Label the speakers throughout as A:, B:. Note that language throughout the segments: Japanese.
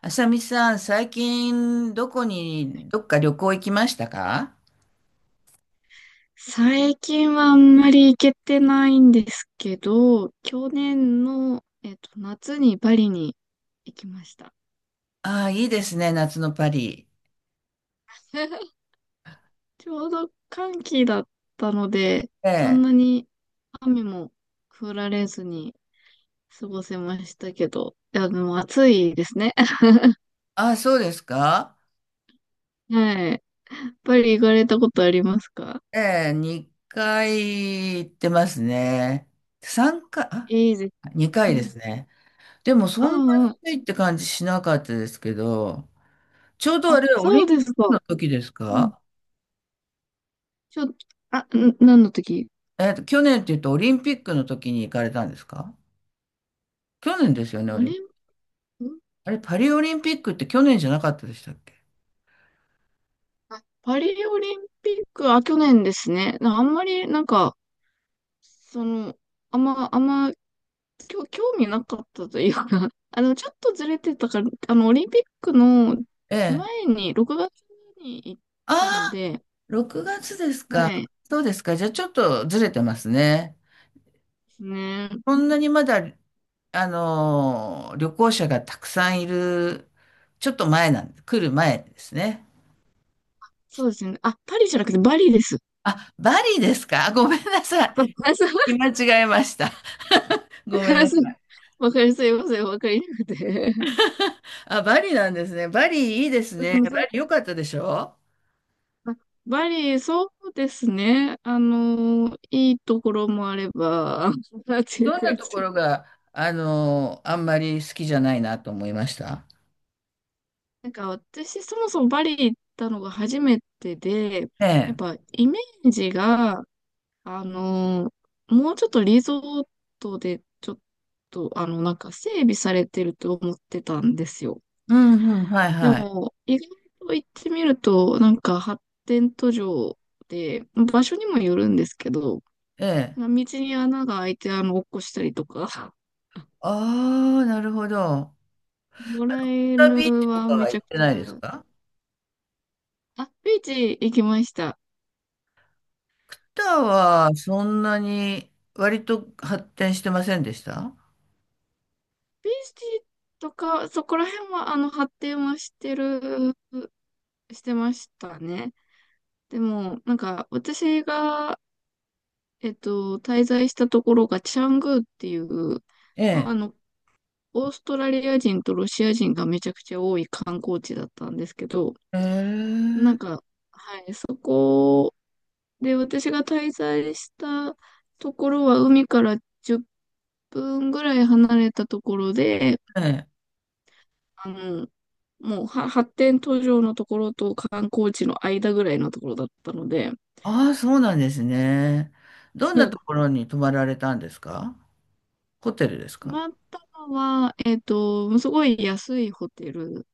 A: あさみさん、最近どこに、どっか旅行行きましたか？
B: 最近はあんまり行けてないんですけど、去年の、夏にパリに行きました。
A: ああ、いいですね、夏のパリ。
B: ちょうど寒気だったので、
A: え
B: そ
A: え。
B: んなに雨も降られずに過ごせましたけど、いや、でも暑いですね。
A: ああ、そうですか。
B: はい。パリ行かれたことありますか？
A: ええ、2回行ってますね。3回、あ、
B: いいです。
A: 2
B: う
A: 回で
B: ん。
A: すね。でもそ
B: あ
A: んなに暑いって感じしなかったですけど、ちょうど
B: あ、
A: あ
B: あ、
A: れ、オリン
B: そう
A: ピ
B: で
A: ッ
B: す
A: ク
B: か。
A: の時です
B: うん。
A: か？
B: ちょ、あ、ん、何の時？
A: 去年って言うとオリンピックの時に行かれたんですか？去年ですよね、オ
B: オ
A: リン
B: リン、ん
A: あれ、パリオリンピックって去年じゃなかったでしたっけ？
B: パリオリンピック、あ、去年ですね。なんか、その、あんま、あんま、興味なかったというか、あの、ちょっとずれてたから、あの、オリンピックの
A: ええ。
B: 前に、6月に行っ
A: あ、
B: たので、
A: 6月ですか。
B: はい、で
A: そうですか。じゃあちょっとずれてますね。
B: すね。
A: そんなにまだ、旅行者がたくさんいる、ちょっと前なんで、来る前ですね。
B: そうですね。あ、パリじゃなくてバリです。
A: あ、バリですか。あ、ごめんなさい。見
B: あ
A: 間違えました。ごめんなさ
B: そう
A: い。
B: わかります。すいません、わかりなくて。
A: あ、バリなんですね。バリいいですね。バリ 良かったでしょ？
B: あバリ、そうですね。あの、いいところもあれば、なんていう
A: どんな
B: 感
A: とこ
B: じ。
A: ろが、あんまり好きじゃないなと思いました。
B: なんか私、そもそもバリ行ったのが初めてで、
A: え
B: やっ
A: え。
B: ぱイメージが、あの、もうちょっとリゾートで、ちょっと、あの、なんか整備されてると思ってたんですよ。
A: うんうん、はい
B: で
A: はい。
B: も、意外と行ってみると、なんか発展途上で、場所にもよるんですけど、
A: ええ。
B: 道に穴が開いて、あの、落っこしたりとか。
A: ああ、なるほど。
B: 野良
A: タービーチ
B: 犬
A: と
B: は
A: か
B: め
A: は
B: ち
A: 行
B: ゃ
A: っ
B: く
A: て
B: ち
A: ないです
B: ゃ、
A: か？
B: あ、ビーチ行きました。
A: ター
B: あ、
A: はそんなに割と発展してませんでした？
B: ビーチとか、そこら辺は、あの、発展はしてる、してましたね。でも、なんか、私が、滞在したところが、チャングーっていう、
A: え
B: まあ
A: え。
B: あの、オーストラリア人とロシア人がめちゃくちゃ多い観光地だったんですけど、
A: え
B: なん
A: え。
B: か、はい、そこで、私が滞在したところは海から10分ぐらい離れたところで、
A: ええ、
B: あの、もうは発展途上のところと観光地の間ぐらいのところだったので、
A: ああ、そうなんですね。どん
B: う
A: な
B: ん。
A: ところに泊まられたんですか？ホテルです
B: 泊
A: か？
B: まったのは、すごい安いホテル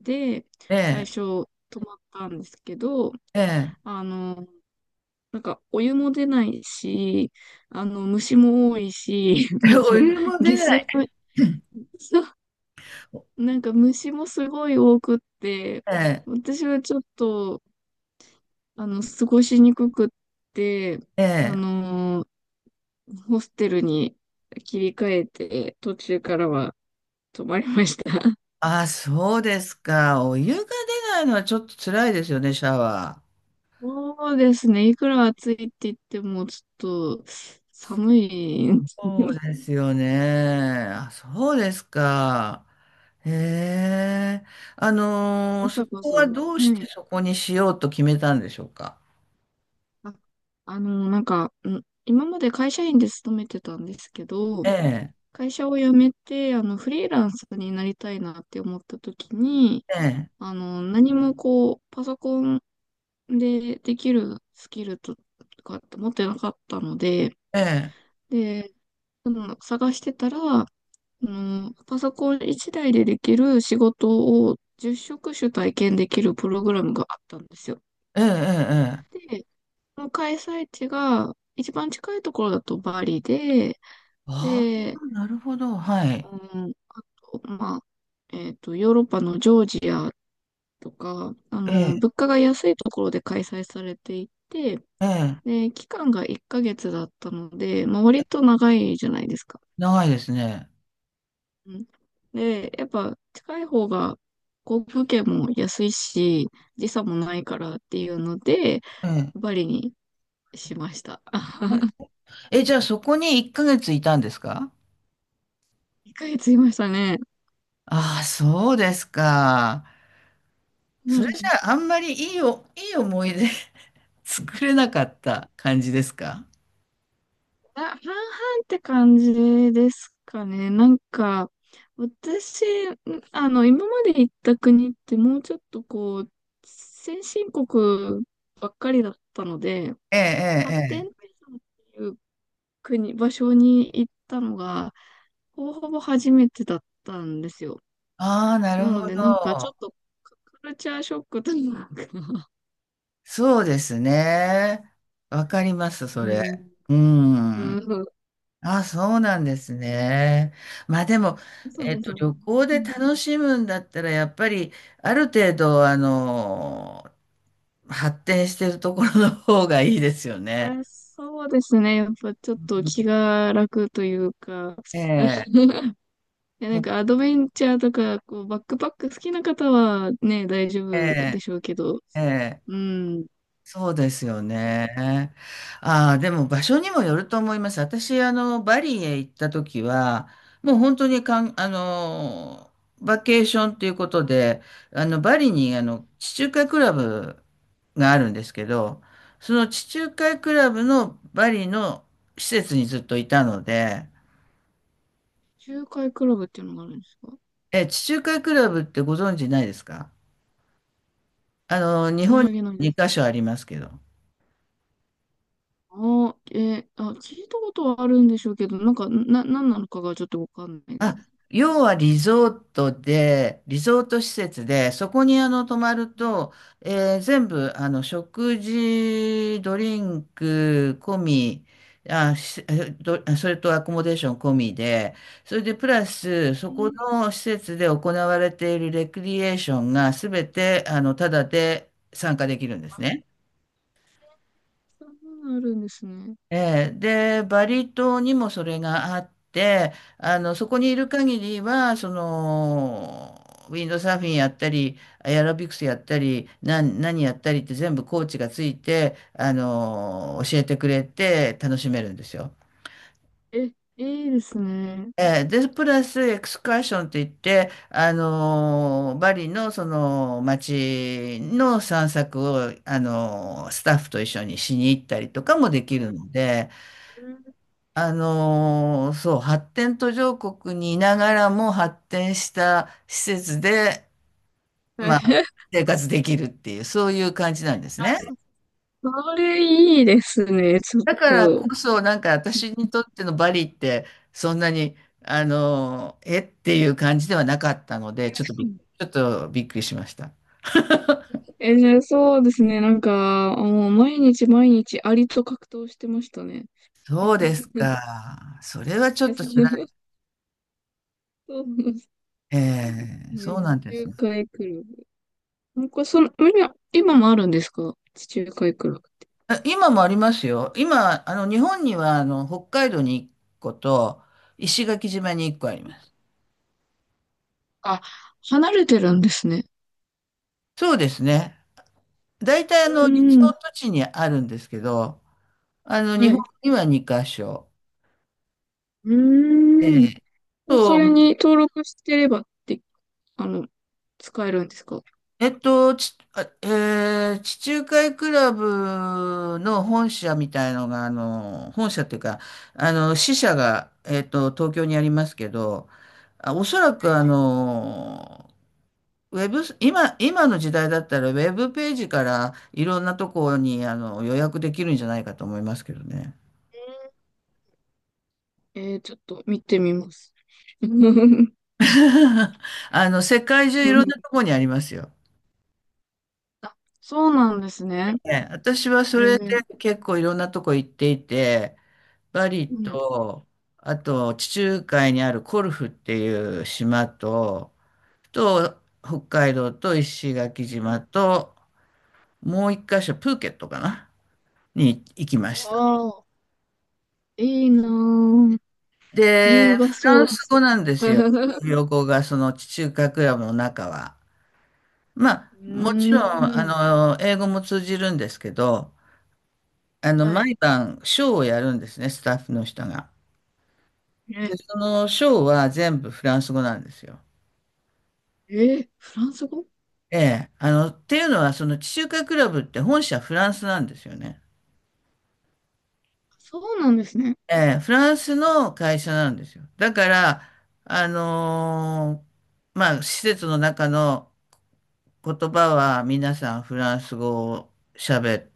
B: で、
A: え
B: 最
A: え。
B: 初泊まったんですけど、
A: ええ。
B: あの、なんかお湯も出ないし、あの、虫も多いし、なん
A: お
B: か
A: 湯も出
B: 下
A: な
B: 水
A: い。
B: の、なんか虫もすごい多くって、
A: ええ。
B: 私はちょっと、あの、過ごしにくくって、
A: え
B: あ
A: え。
B: のーホステルに切り替えて、途中からは泊まりました。
A: ああ、そうですか。お湯が出ないのはちょっと辛いですよね、シャワー。
B: そうですね。いくら暑いって言っても、ちょっと寒いんですね。
A: そう ですよね。あ、そうですか。へえ。
B: あ
A: そ
B: さこ
A: こ
B: さ
A: は
B: ん。
A: どうし
B: は
A: て
B: い。
A: そこにしようと決めたんでしょうか。
B: あ、なんか、ん今まで会社員で勤めてたんですけど、
A: ええ、
B: 会社を辞めて、あの、フリーランスになりたいなって思った時に、
A: ええ、
B: あの、何もこう、パソコンでできるスキルとかって持ってなかったので、
A: ええ、
B: で、その探してたら、あの、パソコン一台でできる仕事を10職種体験できるプログラムがあったんですよ。
A: ええ、ええ。
B: で、その開催地が一番近いところだとバリで、
A: あ
B: で、
A: あ、なるほど。はい。
B: うん、あと、まあ、ヨーロッパのジョージアとか、あ
A: え
B: の、
A: え、
B: 物価が安いところで開催されていて、
A: ええ。
B: で、期間が1ヶ月だったので、まあ、割と長いじゃないですか。
A: 長いですね。
B: うん、で、やっぱ近い方が航空券も安いし、時差もないからっていうので、
A: ええ。
B: バリにしました。
A: え、じゃあそこに1ヶ月いたんですか？
B: 1ヶ月いましたね。
A: ああ、そうですか。
B: う
A: それじ
B: ん
A: ゃああんまりいい思い出 作れなかった感じですか？
B: あ、半々って感じですかね。なんか、私、んあの、今まで行った国ってもうちょっとこう、先進国ばっかりだったので、
A: ええ、ええ、え
B: 発展
A: え。
B: 途上っていう国、場所に行ったのが、ほぼほぼ初めてだったんですよ。
A: ああ、な
B: な
A: る
B: の
A: ほ
B: で、なんかちょ
A: ど。
B: っとカカルチャーショックというか、
A: そうですね。わかります、そ
B: う
A: れ。
B: ん、
A: う
B: う
A: ん。
B: ん、
A: ああ、そうなんですね。まあでも、
B: そうそう。
A: 旅行で楽しむんだったら、やっぱり、ある程度、発展してるところの方がいいですよね。
B: やー、そうですね。やっぱちょっと気が楽というか、
A: ええ、
B: いや、なんかアドベンチャーとか、こう、バックパック好きな方はね、大丈
A: え
B: 夫で
A: え、
B: しょうけど、
A: ええ。
B: うん。
A: そうですよね。ああ、でも場所にもよると思います。私、バリへ行った時は、もう本当にかん、あの、バケーションということで、バリに、地中海クラブがあるんですけど、その地中海クラブのバリの施設にずっといたので、
B: 仲介クラブっていうのがあるんですか？
A: 地中海クラブってご存知ないですか？日
B: 申
A: 本
B: し
A: に
B: 訳ないで
A: 2
B: す。
A: カ所ありますけど。
B: あ、聞いたことはあるんでしょうけど、なんか、何なのかがちょっとわかんないで
A: あ、
B: すね。
A: 要はリゾートで、リゾート施設で、そこに泊まると、全部食事、ドリンク込み、あ、しえどそれとアコモデーション込みで、それでプラス、そ
B: う
A: こ
B: ん、
A: の施設で行われているレクリエーションが全てタダで参加できるんですね。
B: そんなのあるんですね。
A: ええ、で、バリ島にもそれがあって、そこにいる限りは、ウィンドサーフィンやったり、エアロビクスやったり、何やったりって全部コーチがついて、教えてくれて楽しめるんですよ。
B: え、いいですね。
A: ええ、で、プラスエクスカーションと言って、バリのその街の散策を、スタッフと一緒にしに行ったりとかもでき
B: は
A: る
B: い。
A: ので、
B: うん
A: そう、発展途上国にいながらも発展した施設で、
B: はい
A: まあ、生活できるっていう、そういう感じなんです
B: あ、
A: ね。
B: それいいですね。ちょっ
A: だから
B: と。
A: こそ、なんか私にとってのバリって、そんなに、えっていう感じではなかったので、ちょっとびっくりしました。
B: えーそうですね。なんか、もう毎日毎日アリと格闘してましたね。
A: そうです か。それはちょっと辛い。
B: そうです
A: え
B: ね。
A: え、そ う
B: 地
A: なんです
B: 中
A: ね。
B: 海クラブ。こかその、今今もあるんですか？地中海クラブって。
A: あ、今もありますよ。今、日本には、北海道に1個と、石垣島に1個あります。
B: あ、離れてるんですね。
A: そうですね。大体、
B: う
A: リゾ
B: ーん。
A: ート地にあるんですけど、
B: は
A: 日本
B: い。
A: には2箇所。
B: う
A: え
B: ーん。
A: え
B: そ
A: と、
B: れに登録してればって、あの、使えるんですか？
A: えっと、ち、あえー地中海クラブの本社みたいのが、本社っていうか、支社が、東京にありますけど、おそらく、ウェブ、今の時代だったら、ウェブページからいろんなところに予約できるんじゃないかと思いますけどね。
B: えー、ちょっと見てみます。うん。
A: 世界中いろんなところにありますよ。
B: あ、そうなんですね。
A: ね、私はそ
B: え
A: れで
B: ー
A: 結構いろんなとこ行っていて、バリ
B: うん
A: と、あと地中海にあるコルフっていう島と、北海道と石垣島と、もう一箇所プーケットかなに行きま
B: わ
A: した。
B: あ、いいなぁ。優
A: で、
B: 雅
A: フラ
B: そ
A: ン
B: うで
A: ス
B: す
A: 語
B: ね。
A: なんで すよ。
B: う
A: 公語が、その地中海クラブの中は。まあ、も
B: ー
A: ちろん、
B: ん。
A: 英語も通じるんですけど、
B: はい。
A: 毎晩、ショーをやるんですね、スタッフの人が。
B: え、
A: で、そのショーは全部フランス語なんですよ。
B: え、フランス語？
A: ええ、っていうのは、その地中海クラブって本社フランスなんですよね。
B: そうなんですね。
A: ええ、フランスの会社なんですよ。だから、あのまあ、施設の中の言葉は皆さんフランス語を喋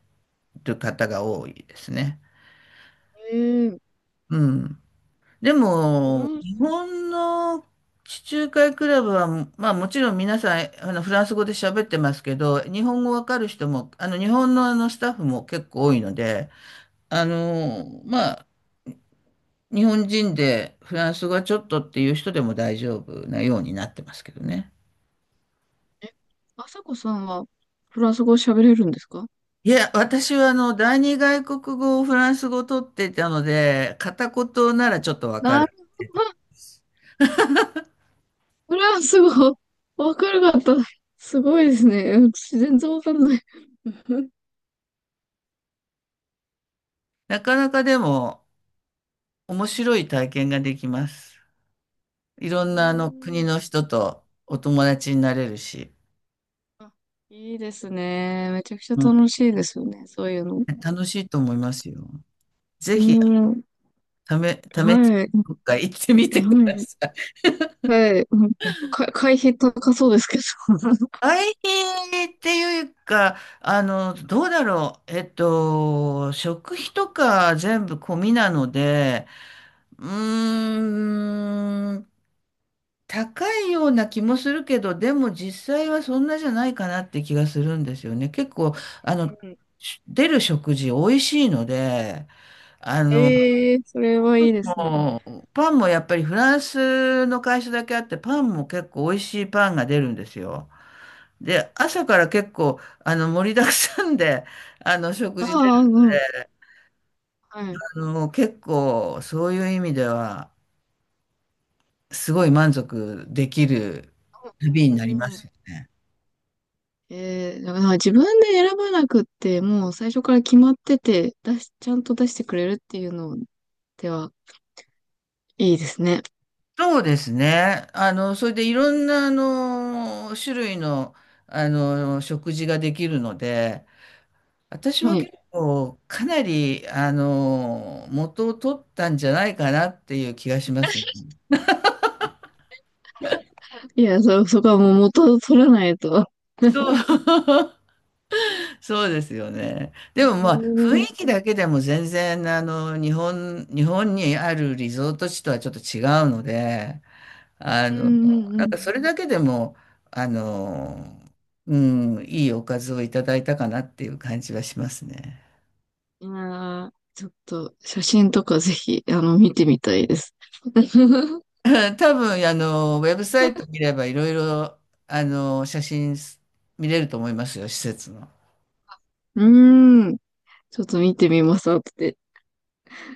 A: る方が多いですね。
B: えー、
A: うん。で
B: フラ
A: も、
B: ン
A: 日
B: ス、
A: 本の地中海クラブは、まあもちろん皆さん、フランス語で喋ってますけど、日本語わかる人も、日本のスタッフも結構多いので、まあ日本人でフランス語はちょっとっていう人でも大丈夫なようになってますけどね。
B: え、あさこさんはフランス語喋れるんですか？
A: いや、私は第二外国語をフランス語を取っていたので、片言ならちょっとわか
B: な
A: る。
B: るほど。フランス語、わかるかった。すごいですね。私全然わかんない。う
A: なかなかでも面白い体験ができます。い
B: ー
A: ろんな国
B: ん。
A: の人とお友達になれるし、
B: あ、いいですね。めちゃくちゃ
A: うん、
B: 楽しいですよね。そういうの。
A: 楽しいと思いますよ。ぜ
B: う
A: ひ、
B: ん。
A: 試し、
B: はい。
A: どっか行ってみてく
B: は
A: だ
B: い。
A: さい。
B: はい、なんか、会費高そうですけど。
A: 大変っていうか、どうだろう。食費とか全部込みなので、うーん、高いような気もするけど、でも実際はそんなじゃないかなって気がするんですよね。結構、あの、
B: うん。
A: 出る食事美味しいので、あの、
B: ええそれはいいですね。
A: もう、パンもやっぱりフランスの会社だけあって、パンも結構美味しいパンが出るんですよ。で、朝から結構、盛りだくさんで、食事出る
B: ああ、うん。
A: ので、
B: はい。
A: 結構、そういう意味では、すごい満足できる旅
B: う
A: になりま
B: ん。
A: すよね。
B: ええだから自分で選ばなくって、もう最初から決まってて、出し、ちゃんと出してくれるっていうのでは、いいですね。
A: そうですね。それでいろんな、種類の、食事ができるので、私は
B: は
A: 結
B: い。
A: 構、かなり、元を取ったんじゃないかなっていう気がします。
B: いや、そこはもう元を取らないと。
A: そう。そうですよね。で
B: え
A: も
B: え
A: まあ雰囲
B: うん
A: 気だけでも全然日本にあるリゾート地とはちょっと違うので、あ
B: う
A: の、
B: ん
A: な
B: う
A: んか
B: ん。
A: それだけでも、あの、うん、いいおかずをいただいたかなっていう感じはしますね。
B: いやー、ちょっと写真とかぜひ、あの、見てみたいです。
A: 多分ウェブサイト見ればいろいろ写真見れると思いますよ、施設の。
B: うーん。ちょっと見てみます、後で。